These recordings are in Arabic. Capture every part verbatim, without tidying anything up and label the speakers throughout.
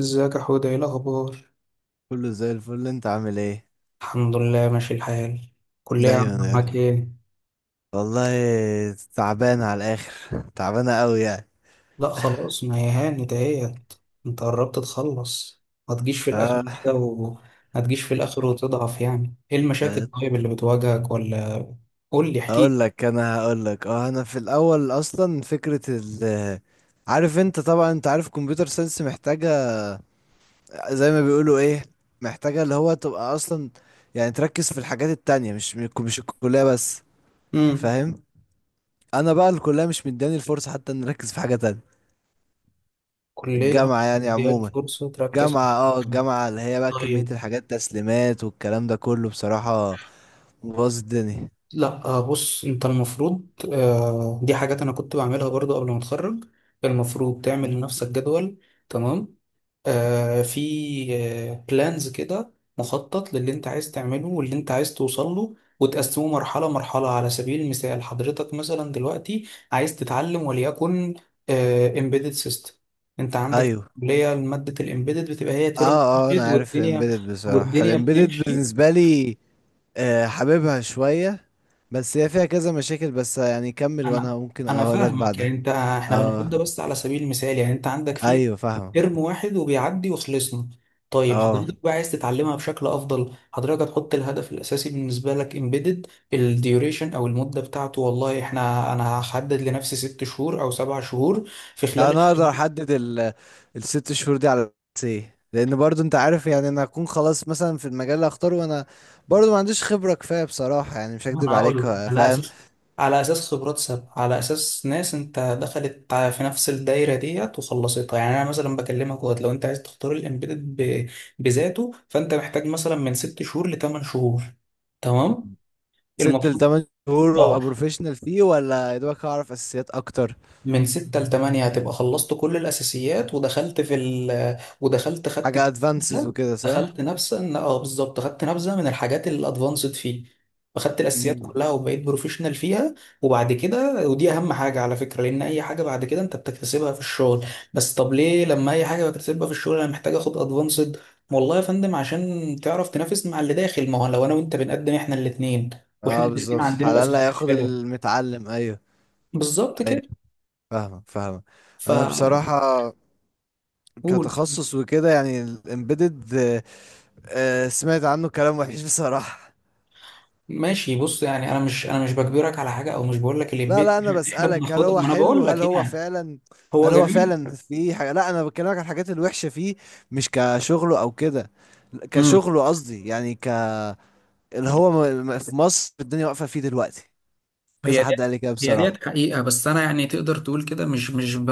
Speaker 1: ازيك يا حوده، ايه الاخبار؟
Speaker 2: كله زي الفل. انت عامل ايه؟
Speaker 1: الحمد لله، ماشي الحال. كلية عاملة
Speaker 2: دايما
Speaker 1: معاك
Speaker 2: يعني.
Speaker 1: ايه؟
Speaker 2: والله، تعبان على الاخر، تعبانه قوي يعني.
Speaker 1: لا خلاص، ما هي هانت اهيت، انت قربت تخلص. ما تجيش في
Speaker 2: اه.
Speaker 1: الاخر كده و... ما تجيش في الاخر وتضعف، يعني ايه المشاكل
Speaker 2: اه،
Speaker 1: طيب اللي بتواجهك ولا؟ قول لي، احكي.
Speaker 2: هقول لك انا هقول لك، اه انا في الاول اصلا فكره ال عارف؟ انت طبعا انت عارف كمبيوتر ساينس محتاجه، زي ما بيقولوا ايه، محتاجه اللي هو تبقى اصلا، يعني تركز في الحاجات التانية، مش مش الكليه بس.
Speaker 1: امم.
Speaker 2: فاهم؟ انا بقى الكليه مش مداني الفرصه حتى ان اركز في حاجه تانية.
Speaker 1: كلية
Speaker 2: الجامعه
Speaker 1: مش
Speaker 2: يعني
Speaker 1: مدياك
Speaker 2: عموما،
Speaker 1: فرصة تركز في
Speaker 2: جامعة
Speaker 1: حاجة.
Speaker 2: اه الجامعة اللي هي بقى كمية
Speaker 1: طيب.
Speaker 2: الحاجات، تسليمات والكلام ده كله بصراحة باظ الدنيا.
Speaker 1: لا، آه، بص انت المفروض، آه، دي حاجات انا كنت بعملها برضو قبل ما اتخرج. المفروض تعمل
Speaker 2: مم.
Speaker 1: لنفسك جدول. تمام. آه، في بلانز كده، مخطط للي انت عايز تعمله واللي انت عايز توصل له وتقسمه مرحلة مرحلة، على سبيل المثال حضرتك مثلا دلوقتي عايز تتعلم وليكن امبيدد سيستم. انت عندك
Speaker 2: ايوه.
Speaker 1: كلية، مادة الامبيدد بتبقى هي
Speaker 2: اه
Speaker 1: ترم
Speaker 2: اه
Speaker 1: واحد
Speaker 2: انا عارف
Speaker 1: والدنيا
Speaker 2: الامبيدد. بصراحة
Speaker 1: والدنيا
Speaker 2: الامبيدد
Speaker 1: بتمشي.
Speaker 2: بالنسبة لي، آه، حاببها شوية، بس هي فيها كذا مشاكل، بس يعني كمل وانا
Speaker 1: انا
Speaker 2: ممكن
Speaker 1: انا
Speaker 2: اقول لك
Speaker 1: فاهمك، يعني
Speaker 2: بعدها.
Speaker 1: انت احنا بنقول
Speaker 2: اه،
Speaker 1: ده بس على سبيل المثال، يعني انت عندك فيه
Speaker 2: ايوه فاهم.
Speaker 1: ترم واحد وبيعدي وخلصنا. طيب
Speaker 2: اه،
Speaker 1: حضرتك بقى عايز تتعلمها بشكل افضل، حضرتك هتحط الهدف الاساسي بالنسبه لك امبيدد، الديوريشن او المده بتاعته، والله احنا انا هحدد لنفسي ست شهور او سبع شهور في
Speaker 2: يعني
Speaker 1: خلال.
Speaker 2: انا اقدر احدد ال الست شهور دي على اساس ايه؟ لان برضو انت عارف، يعني انا هكون خلاص مثلا في المجال اللي هختاره، وانا برضو ما عنديش خبرة كفاية بصراحة، يعني مش
Speaker 1: ما
Speaker 2: هكدب
Speaker 1: انا
Speaker 2: عليك.
Speaker 1: هقول لك على
Speaker 2: فاهم؟
Speaker 1: اساس على اساس خبرات سابقه، على اساس ناس انت دخلت ع- في نفس الدايره ديت وخلصتها. يعني انا مثلا بكلمك وقت لو انت عايز تختار الامبيدد ب... بذاته، فانت محتاج مثلا من ست شهور لثمان شهور. تمام،
Speaker 2: ست
Speaker 1: المفروض
Speaker 2: لتمن شهور
Speaker 1: اه
Speaker 2: وابقى بروفيشنال فيه، ولا يا دوبك هعرف اساسيات اكتر؟
Speaker 1: من ستة لتمانية هتبقى خلصت كل الأساسيات، ودخلت في ال ودخلت خدت
Speaker 2: حاجه ادفانسز
Speaker 1: كده،
Speaker 2: وكده صح؟
Speaker 1: دخلت نبذة إن- اه بالظبط خدت نبذة من الحاجات الأدفانسد فيه، فخدت الأساسيات
Speaker 2: مم.
Speaker 1: كلها وبقيت بروفيشنال فيها. وبعد كده ودي أهم حاجة على فكرة، لأن أي حاجة بعد كده أنت بتكتسبها في الشغل. بس طب ليه لما أي حاجة بكتسبها في الشغل أنا محتاج آخد أدفانسد؟ والله يا فندم، عشان تعرف تنافس مع اللي داخل، ما هو لو أنا وأنت بنقدم إحنا الاتنين، وإحنا
Speaker 2: اه،
Speaker 1: الاتنين
Speaker 2: بالظبط،
Speaker 1: عندنا
Speaker 2: على الاقل
Speaker 1: الأساسيات
Speaker 2: هياخد
Speaker 1: حلوة.
Speaker 2: المتعلم. ايوه.
Speaker 1: بالظبط
Speaker 2: ايوه،
Speaker 1: كده.
Speaker 2: فاهمك فاهمك.
Speaker 1: ف...
Speaker 2: انا بصراحه
Speaker 1: قول.
Speaker 2: كتخصص وكده يعني الامبيدد، سمعت عنه كلام وحش بصراحه.
Speaker 1: ماشي، بص يعني انا مش انا مش بجبرك على حاجه، او مش بقول لك
Speaker 2: لا لا،
Speaker 1: الامبيد،
Speaker 2: انا
Speaker 1: احنا
Speaker 2: بسالك هل
Speaker 1: بناخدها،
Speaker 2: هو
Speaker 1: ما انا
Speaker 2: حلو؟
Speaker 1: بقول
Speaker 2: هل
Speaker 1: لك
Speaker 2: هو
Speaker 1: يعني
Speaker 2: فعلا،
Speaker 1: هو
Speaker 2: هل هو
Speaker 1: جميل.
Speaker 2: فعلا فيه حاجه؟ لا انا بكلمك عن الحاجات الوحشه فيه، مش كشغله او كده.
Speaker 1: امم.
Speaker 2: كشغله قصدي يعني ك، اللي هو م- م- في مصر الدنيا واقفة فيه دلوقتي. كذا
Speaker 1: هي دي
Speaker 2: حد قال لي كده
Speaker 1: هي
Speaker 2: بصراحة.
Speaker 1: ديت حقيقه، بس انا يعني تقدر تقول كده، مش مش ب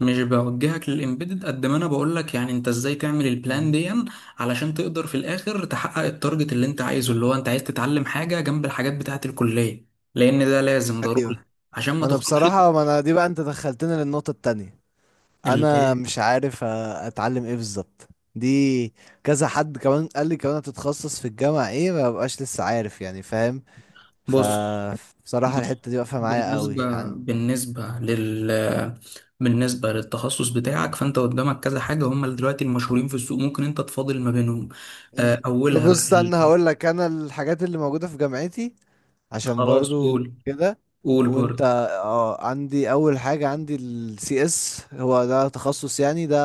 Speaker 1: مش بوجهك للامبيدد، قد ما انا بقول لك يعني انت ازاي تعمل البلان
Speaker 2: مم.
Speaker 1: دي، علشان تقدر في الاخر تحقق التارجت اللي انت عايزه، اللي هو انت عايز تتعلم حاجه جنب الحاجات بتاعه الكليه، لان ده لازم ضروري
Speaker 2: ايوه.
Speaker 1: عشان ما
Speaker 2: ما انا
Speaker 1: تخرجش.
Speaker 2: بصراحة، ما انا دي بقى انت دخلتني للنقطة التانية.
Speaker 1: اللي
Speaker 2: انا
Speaker 1: إيه؟
Speaker 2: مش عارف أ- اتعلم ايه بالظبط؟ دي كذا حد كمان قال لي كمان هتتخصص في الجامعة ايه، ما ببقاش لسه عارف يعني، فاهم؟ ف،
Speaker 1: بص،
Speaker 2: بصراحة الحتة دي واقفة معايا قوي
Speaker 1: بالنسبة
Speaker 2: عن.
Speaker 1: بالنسبة لل بالنسبة للتخصص بتاعك، فأنت قدامك كذا حاجة هم اللي دلوقتي المشهورين في السوق، ممكن أنت تفاضل ما بينهم. آه، أولها
Speaker 2: بص انا
Speaker 1: ال-
Speaker 2: هقول لك، انا الحاجات اللي موجودة في جامعتي، عشان
Speaker 1: خلاص
Speaker 2: برضو
Speaker 1: قول.
Speaker 2: كده،
Speaker 1: قول
Speaker 2: وانت،
Speaker 1: برضه.
Speaker 2: اه، عندي اول حاجة، عندي السي اس، هو ده تخصص يعني ده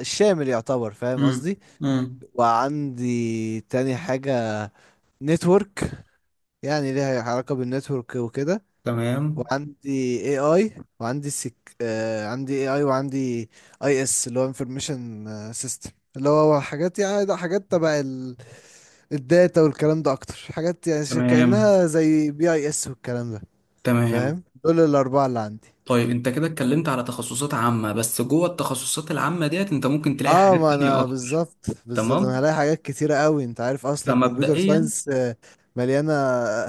Speaker 2: الشامل يعتبر، فاهم
Speaker 1: مم.
Speaker 2: قصدي؟
Speaker 1: مم.
Speaker 2: وعندي تاني حاجة نتورك، يعني ليها علاقة بالنتورك وكده.
Speaker 1: تمام.
Speaker 2: وعندي اي اي. وعندي سك... آه عندي اي اي وعندي اي اس اللي هو انفورميشن سيستم، اللي هو حاجات، يعني ده حاجات تبع ال- الداتا والكلام ده، اكتر حاجات، يعني ش-
Speaker 1: تمام.
Speaker 2: كأنها زي بي اي اس والكلام ده.
Speaker 1: تمام.
Speaker 2: فاهم؟ دول الاربعه اللي عندي.
Speaker 1: طيب أنت كده اتكلمت على تخصصات عامة، بس جوه التخصصات العامة ديت أنت ممكن تلاقي
Speaker 2: اه
Speaker 1: حاجات
Speaker 2: ما
Speaker 1: تانية
Speaker 2: انا
Speaker 1: أكتر.
Speaker 2: بالظبط بالظبط، انا
Speaker 1: تمام.
Speaker 2: هلاقي حاجات كتيره قوي، انت عارف اصلا كمبيوتر
Speaker 1: فمبدئيا،
Speaker 2: ساينس، آه، مليانه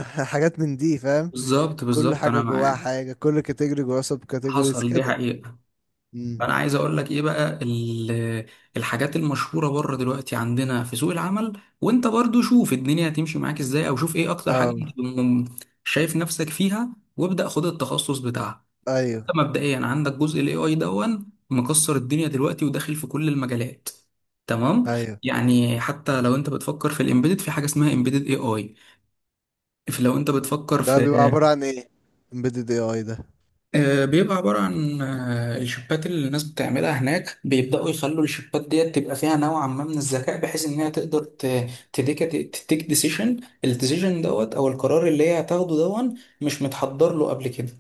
Speaker 2: حاجات من دي، فاهم؟
Speaker 1: بالظبط
Speaker 2: كل
Speaker 1: بالظبط
Speaker 2: حاجه
Speaker 1: أنا
Speaker 2: جواها
Speaker 1: معاك.
Speaker 2: حاجه، كل كاتيجوري جواها سب كاتيجوريز
Speaker 1: حصل، دي
Speaker 2: كده.
Speaker 1: حقيقة.
Speaker 2: امم.
Speaker 1: انا عايز اقول لك ايه بقى، ال- الحاجات المشهوره بره دلوقتي عندنا في سوق العمل، وانت برضو شوف الدنيا هتمشي معاك ازاي، او شوف ايه اكتر حاجه
Speaker 2: اه
Speaker 1: انت م- شايف نفسك فيها، وابدا خد التخصص بتاعها.
Speaker 2: ايوه
Speaker 1: انت مبدئيا عندك جزء الاي اي، دون مكسر الدنيا دلوقتي وداخل في كل المجالات. تمام.
Speaker 2: ايوه.
Speaker 1: يعني حتى لو انت بتفكر في الامبيدد، في حاجه اسمها امبيدد اي اي. لو انت بتفكر
Speaker 2: ده بيبقى
Speaker 1: في،
Speaker 2: عباره عن ايه؟ امبيدد اي اي ده؟
Speaker 1: آه، بيبقى عبارة عن آه، الشيبات اللي الناس بتعملها هناك، بيبدأوا يخلوا الشيبات ديت تبقى فيها نوعا ما من الذكاء، بحيث إنها تقدر ت- تديك تتيك ديسيشن، الديسيشن دوت أو القرار اللي هي هتاخده، دون مش متحضر له قبل كده.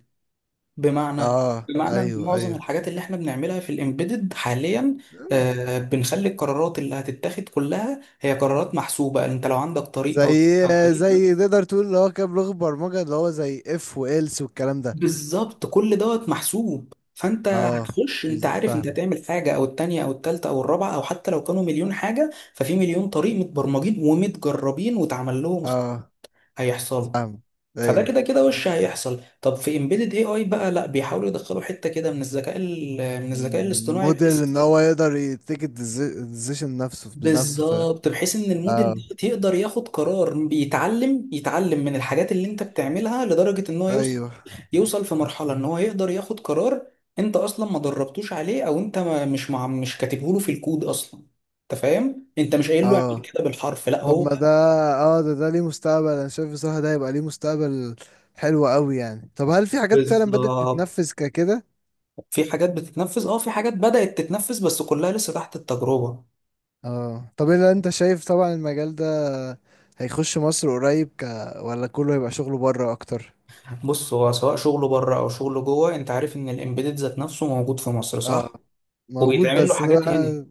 Speaker 1: بمعنى
Speaker 2: اه
Speaker 1: بمعنى إن
Speaker 2: ايوه
Speaker 1: معظم
Speaker 2: ايوه.
Speaker 1: الحاجات اللي إحنا بنعملها في الإمبيدد حاليا،
Speaker 2: آه.
Speaker 1: آه، بنخلي القرارات اللي هتتاخد كلها هي قرارات محسوبة، أنت لو عندك طريق أو
Speaker 2: زي زي تقدر تقول، اللي هو كام لغه برمجه، اللي هو زي اف والس والكلام ده.
Speaker 1: بالظبط. كل دوت محسوب، فانت
Speaker 2: اه،
Speaker 1: هتخش انت
Speaker 2: بز-
Speaker 1: عارف انت
Speaker 2: فاهمه.
Speaker 1: هتعمل حاجه او التانيه او التالته او الرابعه، او حتى لو كانوا مليون حاجه ففي مليون طريق متبرمجين ومتجربين واتعمل لهم اخت-
Speaker 2: اه،
Speaker 1: هيحصلوا.
Speaker 2: فاهمه.
Speaker 1: فده
Speaker 2: ايوه.
Speaker 1: كده كده وش هيحصل. طب في امبيدد اي اي بقى لا، بيحاولوا يدخلوا حته كده من الذكاء ال- من الذكاء
Speaker 2: مم،
Speaker 1: الاصطناعي،
Speaker 2: موديل
Speaker 1: بحيث
Speaker 2: ان هو يقدر يتيك الديسيشن نفسه بنفسه، فاهم؟
Speaker 1: بالظبط، بحيث ان الموديل
Speaker 2: اه
Speaker 1: ده يقدر ياخد قرار، بيتعلم يتعلم من الحاجات اللي انت بتعملها لدرجه ان هو يوصل
Speaker 2: ايوه.
Speaker 1: يوصل في مرحلة ان هو يقدر ياخد قرار انت اصلا ما دربتوش عليه، او انت ما مش مع مش كاتبه له في الكود اصلا. انت فاهم، انت مش قايل له اعمل
Speaker 2: اه
Speaker 1: كده بالحرف، لا
Speaker 2: طب
Speaker 1: هو
Speaker 2: ما ده، اه ده ده ليه مستقبل، انا شايف بصراحة ده هيبقى ليه مستقبل حلو قوي يعني. طب هل في حاجات فعلا بدأت تتنفذ
Speaker 1: بالظبط.
Speaker 2: ككده؟
Speaker 1: في حاجات بتتنفذ، اه في حاجات بدأت تتنفذ بس كلها لسه تحت التجربة.
Speaker 2: اه. طب الا انت شايف طبعا المجال ده هيخش مصر قريب ك، ولا كله هيبقى شغله بره اكتر؟
Speaker 1: بص، هو سواء شغله بره او شغله جوه، انت عارف ان الامبيدد ذات نفسه موجود في مصر
Speaker 2: اه
Speaker 1: صح،
Speaker 2: موجود.
Speaker 1: وبيتعمل له
Speaker 2: بس انا
Speaker 1: حاجات هنا.
Speaker 2: بقى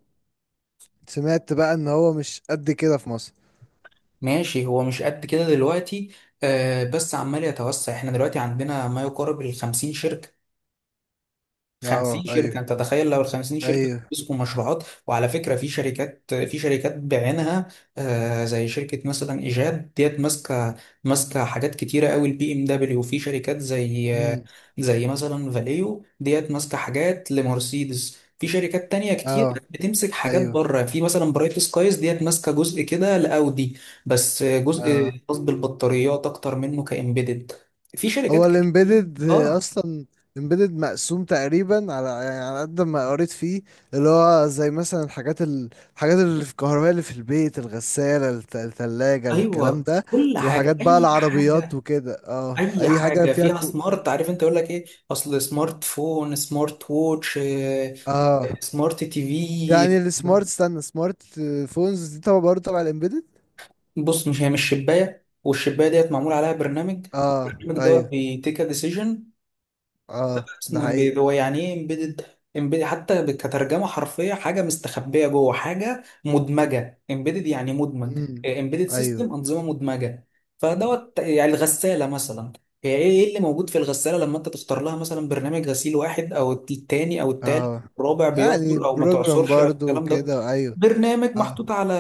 Speaker 2: سمعت بقى ان هو مش قد كده في مصر.
Speaker 1: ماشي، هو مش قد كده دلوقتي، آه بس عمال يتوسع، احنا دلوقتي عندنا ما يقارب ال خمسين شركة.
Speaker 2: اه
Speaker 1: خمسين
Speaker 2: ايوه.
Speaker 1: شركة، انت تخيل لو ال خمسين شركة
Speaker 2: ايوه.
Speaker 1: بيمسكوا مشروعات، وعلى فكرة في شركات، في شركات بعينها، آه، زي شركة مثلا إيجاد ديت ماسكة، ماسكة حاجات كتيرة قوي، البي ام دبليو، وفي شركات زي آه،
Speaker 2: امم.
Speaker 1: زي مثلا فاليو ديت ماسكة حاجات لمرسيدس، في شركات تانية كتير
Speaker 2: اه
Speaker 1: بتمسك حاجات
Speaker 2: ايوه.
Speaker 1: بره، في مثلا برايت سكايز ديت ماسكة جزء كده لأودي، بس جزء
Speaker 2: اه
Speaker 1: خاص بالبطاريات أكتر منه كإمبيدد. في
Speaker 2: هو
Speaker 1: شركات كتير.
Speaker 2: الامبيدد
Speaker 1: اه
Speaker 2: اصلا، الامبيدد مقسوم تقريبا، على يعني على قد ما قريت فيه، اللي هو زي مثلا الحاجات ال- الحاجات اللي في الكهرباء، اللي في البيت، الغسالة، الت- التلاجة، الكلام
Speaker 1: ايوه،
Speaker 2: ده،
Speaker 1: كل
Speaker 2: وحاجات
Speaker 1: حاجه،
Speaker 2: بقى
Speaker 1: اي
Speaker 2: العربيات
Speaker 1: حاجه
Speaker 2: وكده، اه،
Speaker 1: اي
Speaker 2: اي حاجة
Speaker 1: حاجه
Speaker 2: فيها
Speaker 1: فيها
Speaker 2: كو....
Speaker 1: سمارت، عارف انت يقول لك ايه، اصل سمارت فون، سمارت ووتش، آه،
Speaker 2: اه
Speaker 1: سمارت تي
Speaker 2: يعني
Speaker 1: في.
Speaker 2: السمارت، استنى، سمارت فونز دي طبعا برضه تبع الامبيدد.
Speaker 1: بص، مش هي مش شبايه، والشبايه ديت معمول عليها برنامج،
Speaker 2: اه
Speaker 1: البرنامج دوت
Speaker 2: ايوه.
Speaker 1: بيتيك ديسيجن،
Speaker 2: اه ده
Speaker 1: اسمه
Speaker 2: حقيقي.
Speaker 1: امبيد. هو يعني ايه امبيدد؟ امبيد حتى ب- كترجمه حرفيه حاجه مستخبيه جوه حاجه مدمجه، امبيدد يعني مدمج.
Speaker 2: امم.
Speaker 1: امبيدد
Speaker 2: ايوه.
Speaker 1: سيستم، انظمه مدمجه. فدوت يعني الغساله مثلا، هي ايه إيه اللي موجود في الغساله لما انت تختار لها مثلا برنامج غسيل، واحد او التاني او التالت،
Speaker 2: اه
Speaker 1: الرابع
Speaker 2: يعني
Speaker 1: بيعصر او ما
Speaker 2: بروجرام
Speaker 1: تعصرش او
Speaker 2: برضه
Speaker 1: الكلام ده.
Speaker 2: وكده. ايوه.
Speaker 1: برنامج
Speaker 2: اه
Speaker 1: محطوط على،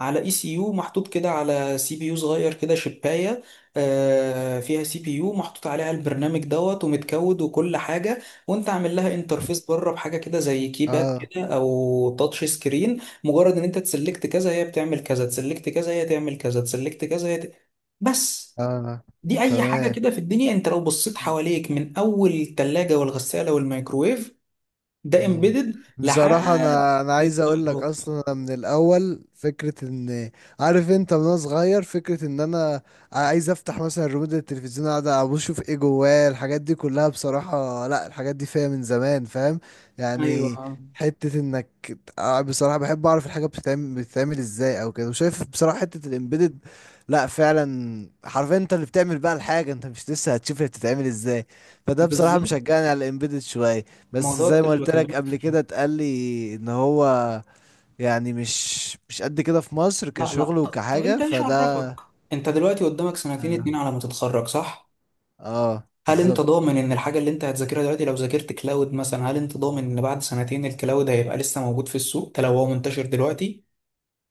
Speaker 1: على اي سي يو محطوط كده، على سي بي يو صغير كده شبايه، آه، فيها سي بي يو محطوط عليها البرنامج دوت ومتكود وكل حاجه، وانت عامل لها انترفيس بره بحاجه كده زي كيباد
Speaker 2: اه
Speaker 1: كده او تاتش سكرين، مجرد ان انت تسلكت كذا هي بتعمل كذا، تسلكت كذا هي تعمل كذا، تسلكت كذا هي ت... بس.
Speaker 2: اه
Speaker 1: دي اي حاجه
Speaker 2: تمام.
Speaker 1: كده في الدنيا، انت لو بصيت حواليك، من اول الثلاجه والغساله والميكروويف، ده
Speaker 2: مم.
Speaker 1: امبيدد
Speaker 2: بصراحة
Speaker 1: لحد
Speaker 2: أنا أنا عايز أقول لك،
Speaker 1: الطيارات.
Speaker 2: أصلا أنا من الأول فكرة إن، عارف أنت، من وأنا صغير فكرة إن أنا عايز أفتح مثلا ريموت التلفزيون، أقعد أبص أشوف إيه جواه. الحاجات دي كلها بصراحة، لأ الحاجات دي فيها من زمان، فاهم؟
Speaker 1: ايوه
Speaker 2: يعني حتة إنك، آه، بصراحة بحب أعرف الحاجة بتتعمل بتتعمل إزاي أو كده. وشايف بصراحة حتة الإمبيدد، لأ فعلا حرفيا أنت اللي بتعمل بقى الحاجة، أنت مش لسه هتشوف هي بتتعمل إزاي. فده بصراحة
Speaker 1: بالظبط.
Speaker 2: مشجعني على الإمبيدد شوية. بس
Speaker 1: موضوع
Speaker 2: زي ما
Speaker 1: اللي
Speaker 2: قلت لك
Speaker 1: بكلمك
Speaker 2: قبل
Speaker 1: فيه.
Speaker 2: كده، اتقال لي ان هو، يعني مش مش قد كده في مصر
Speaker 1: لا لا،
Speaker 2: كشغل
Speaker 1: ط- طب انت
Speaker 2: وكحاجة،
Speaker 1: ايش
Speaker 2: فده.
Speaker 1: عرفك؟ انت دلوقتي قدامك سنتين
Speaker 2: اه.
Speaker 1: اتنين على ما تتخرج صح؟
Speaker 2: آه،
Speaker 1: هل انت
Speaker 2: بالظبط.
Speaker 1: ضامن ان الحاجة اللي انت هتذاكرها دلوقتي، لو ذاكرت كلاود مثلا، هل انت ضامن ان بعد سنتين الكلاود هيبقى لسه موجود في السوق ده لو هو منتشر دلوقتي؟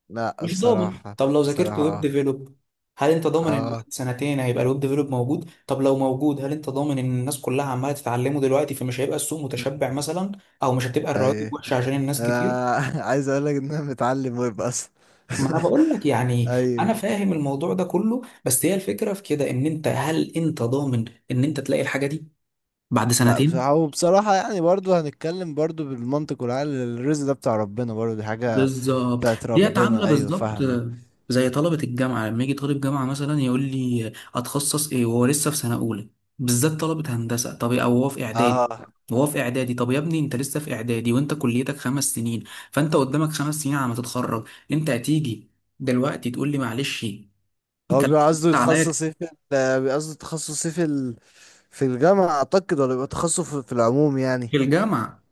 Speaker 2: لا
Speaker 1: مش ضامن.
Speaker 2: بصراحة.
Speaker 1: طب لو ذاكرت
Speaker 2: بصراحة
Speaker 1: ويب
Speaker 2: اه.
Speaker 1: ديفلوب، هل انت ضامن ان بعد
Speaker 2: اه
Speaker 1: سنتين هيبقى الويب ديفلوب موجود؟ طب لو موجود، هل انت ضامن ان الناس كلها عمالة تتعلمه دلوقتي، فمش هيبقى السوق متشبع مثلا، او مش هتبقى الرواتب
Speaker 2: اي.
Speaker 1: وحشة عشان الناس كتير؟
Speaker 2: انا عايز اقول لك ان انا متعلم ويب اصلا.
Speaker 1: ما انا بقول لك يعني
Speaker 2: اي.
Speaker 1: انا فاهم الموضوع ده كله، بس هي الفكره في كده ان انت، هل انت ضامن ان انت تلاقي الحاجه دي بعد
Speaker 2: لا
Speaker 1: سنتين؟
Speaker 2: بصراحة، وبصراحة يعني برضو هنتكلم برضو بالمنطق والعقل، الرزق ده بتاع ربنا، برضو دي حاجة
Speaker 1: بالظبط،
Speaker 2: بتاعت
Speaker 1: ديت
Speaker 2: ربنا.
Speaker 1: عامله
Speaker 2: ايوه
Speaker 1: بالظبط
Speaker 2: فاهمك.
Speaker 1: زي طلبه الجامعه، لما يجي طالب جامعه مثلا يقول لي اتخصص ايه وهو لسه في سنه اولى، بالذات طلبه هندسه، طب او هو في اعدادي.
Speaker 2: اه
Speaker 1: وهو في اعدادي، طب يا ابني انت لسه في اعدادي وانت كليتك خمس سنين، فانت قدامك خمس سنين على ما تتخرج، انت هتيجي دلوقتي تقول لي معلش
Speaker 2: هو
Speaker 1: انت
Speaker 2: بيبقى قصده
Speaker 1: عليا
Speaker 2: يتخصص ايه في ال-، بيبقى قصده تخصص ايه في ال... في الجامعة اعتقد، ولا بيبقى تخصص في في العموم يعني؟
Speaker 1: في الجامعه؟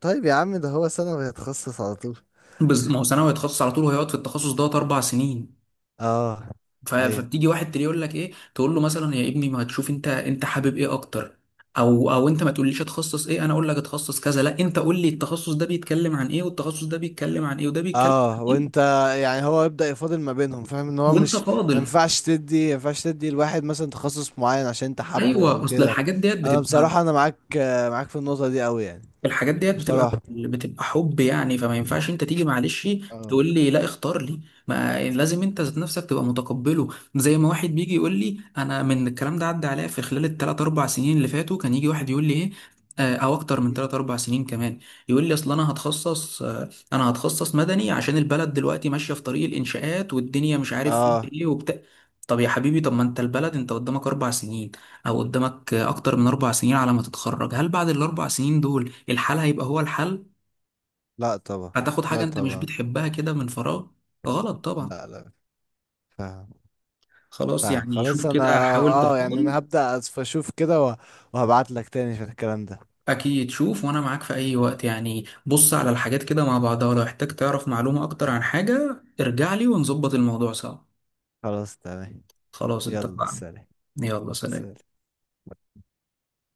Speaker 2: طيب يا عم ده هو سنة ويتخصص على طول.
Speaker 1: بز... ما هو ثانوي هيتخصص على طول، وهيقعد في التخصص دوت اربع سنين.
Speaker 2: اه
Speaker 1: ف...
Speaker 2: ايوه.
Speaker 1: فبتيجي واحد تلاقيه يقول لك ايه، تقول له مثلا يا ابني ما تشوف انت، انت حابب ايه اكتر، او او انت ما تقوليش اتخصص ايه، انا اقول لك اتخصص كذا، لا انت قول لي التخصص ده بيتكلم عن ايه، والتخصص ده بيتكلم عن ايه، وده بيتكلم عن
Speaker 2: اه
Speaker 1: ايه،
Speaker 2: وانت، يعني هو يبدأ يفاضل ما بينهم، فاهم ان هو
Speaker 1: وانت
Speaker 2: مش ما
Speaker 1: فاضل.
Speaker 2: ينفعش تدي، ما ينفعش تدي الواحد مثلا تخصص معين عشان انت حابه او
Speaker 1: ايوه، اصل
Speaker 2: كده.
Speaker 1: الحاجات ديت
Speaker 2: انا
Speaker 1: بتبقى،
Speaker 2: بصراحة انا معاك، آه، معاك في النقطة دي قوي يعني.
Speaker 1: الحاجات ديت بتبقى
Speaker 2: بصراحة.
Speaker 1: بتبقى حب يعني، فما ينفعش انت تيجي معلش
Speaker 2: اه.
Speaker 1: تقول لي لا اختار لي، ما لازم انت ذات نفسك تبقى متقبله. زي ما واحد بيجي يقول لي، انا من الكلام ده عدى عليا في خلال الثلاث اربع سنين اللي فاتوا، كان يجي واحد يقول لي ايه، آه، او اكتر من ثلاث اربع سنين كمان، يقول لي اصل انا هتخصص آه، انا هتخصص مدني عشان البلد دلوقتي ماشيه في طريق الانشاءات، والدنيا مش عارف فيها
Speaker 2: اه.
Speaker 1: ايه وبتاع. طب يا حبيبي، طب ما انت البلد، انت قدامك اربع سنين، او قدامك اكتر من اربع سنين على ما تتخرج، هل بعد الاربع سنين دول الحل هيبقى هو الحل؟
Speaker 2: لا طبعا.
Speaker 1: هتاخد
Speaker 2: لا
Speaker 1: حاجة انت مش
Speaker 2: طبعا.
Speaker 1: بتحبها كده من فراغ، غلط طبعا.
Speaker 2: لا لا. فاهم.
Speaker 1: خلاص
Speaker 2: فاهم
Speaker 1: يعني، شوف
Speaker 2: خلاص. انا،
Speaker 1: كده، حاول
Speaker 2: اه، يعني
Speaker 1: تفاضل.
Speaker 2: انا هبدأ أس- اشوف كده، وهبعت لك تاني في الكلام ده.
Speaker 1: اكيد شوف، وانا معاك في اي وقت يعني، بص على الحاجات كده مع بعضها، ولو احتاج تعرف معلومة اكتر عن حاجة ارجع لي، ونظبط الموضوع سوا.
Speaker 2: خلاص تمام.
Speaker 1: خلاص
Speaker 2: يلا
Speaker 1: اتفقنا.
Speaker 2: سلام.
Speaker 1: يلا سلام.
Speaker 2: سلام.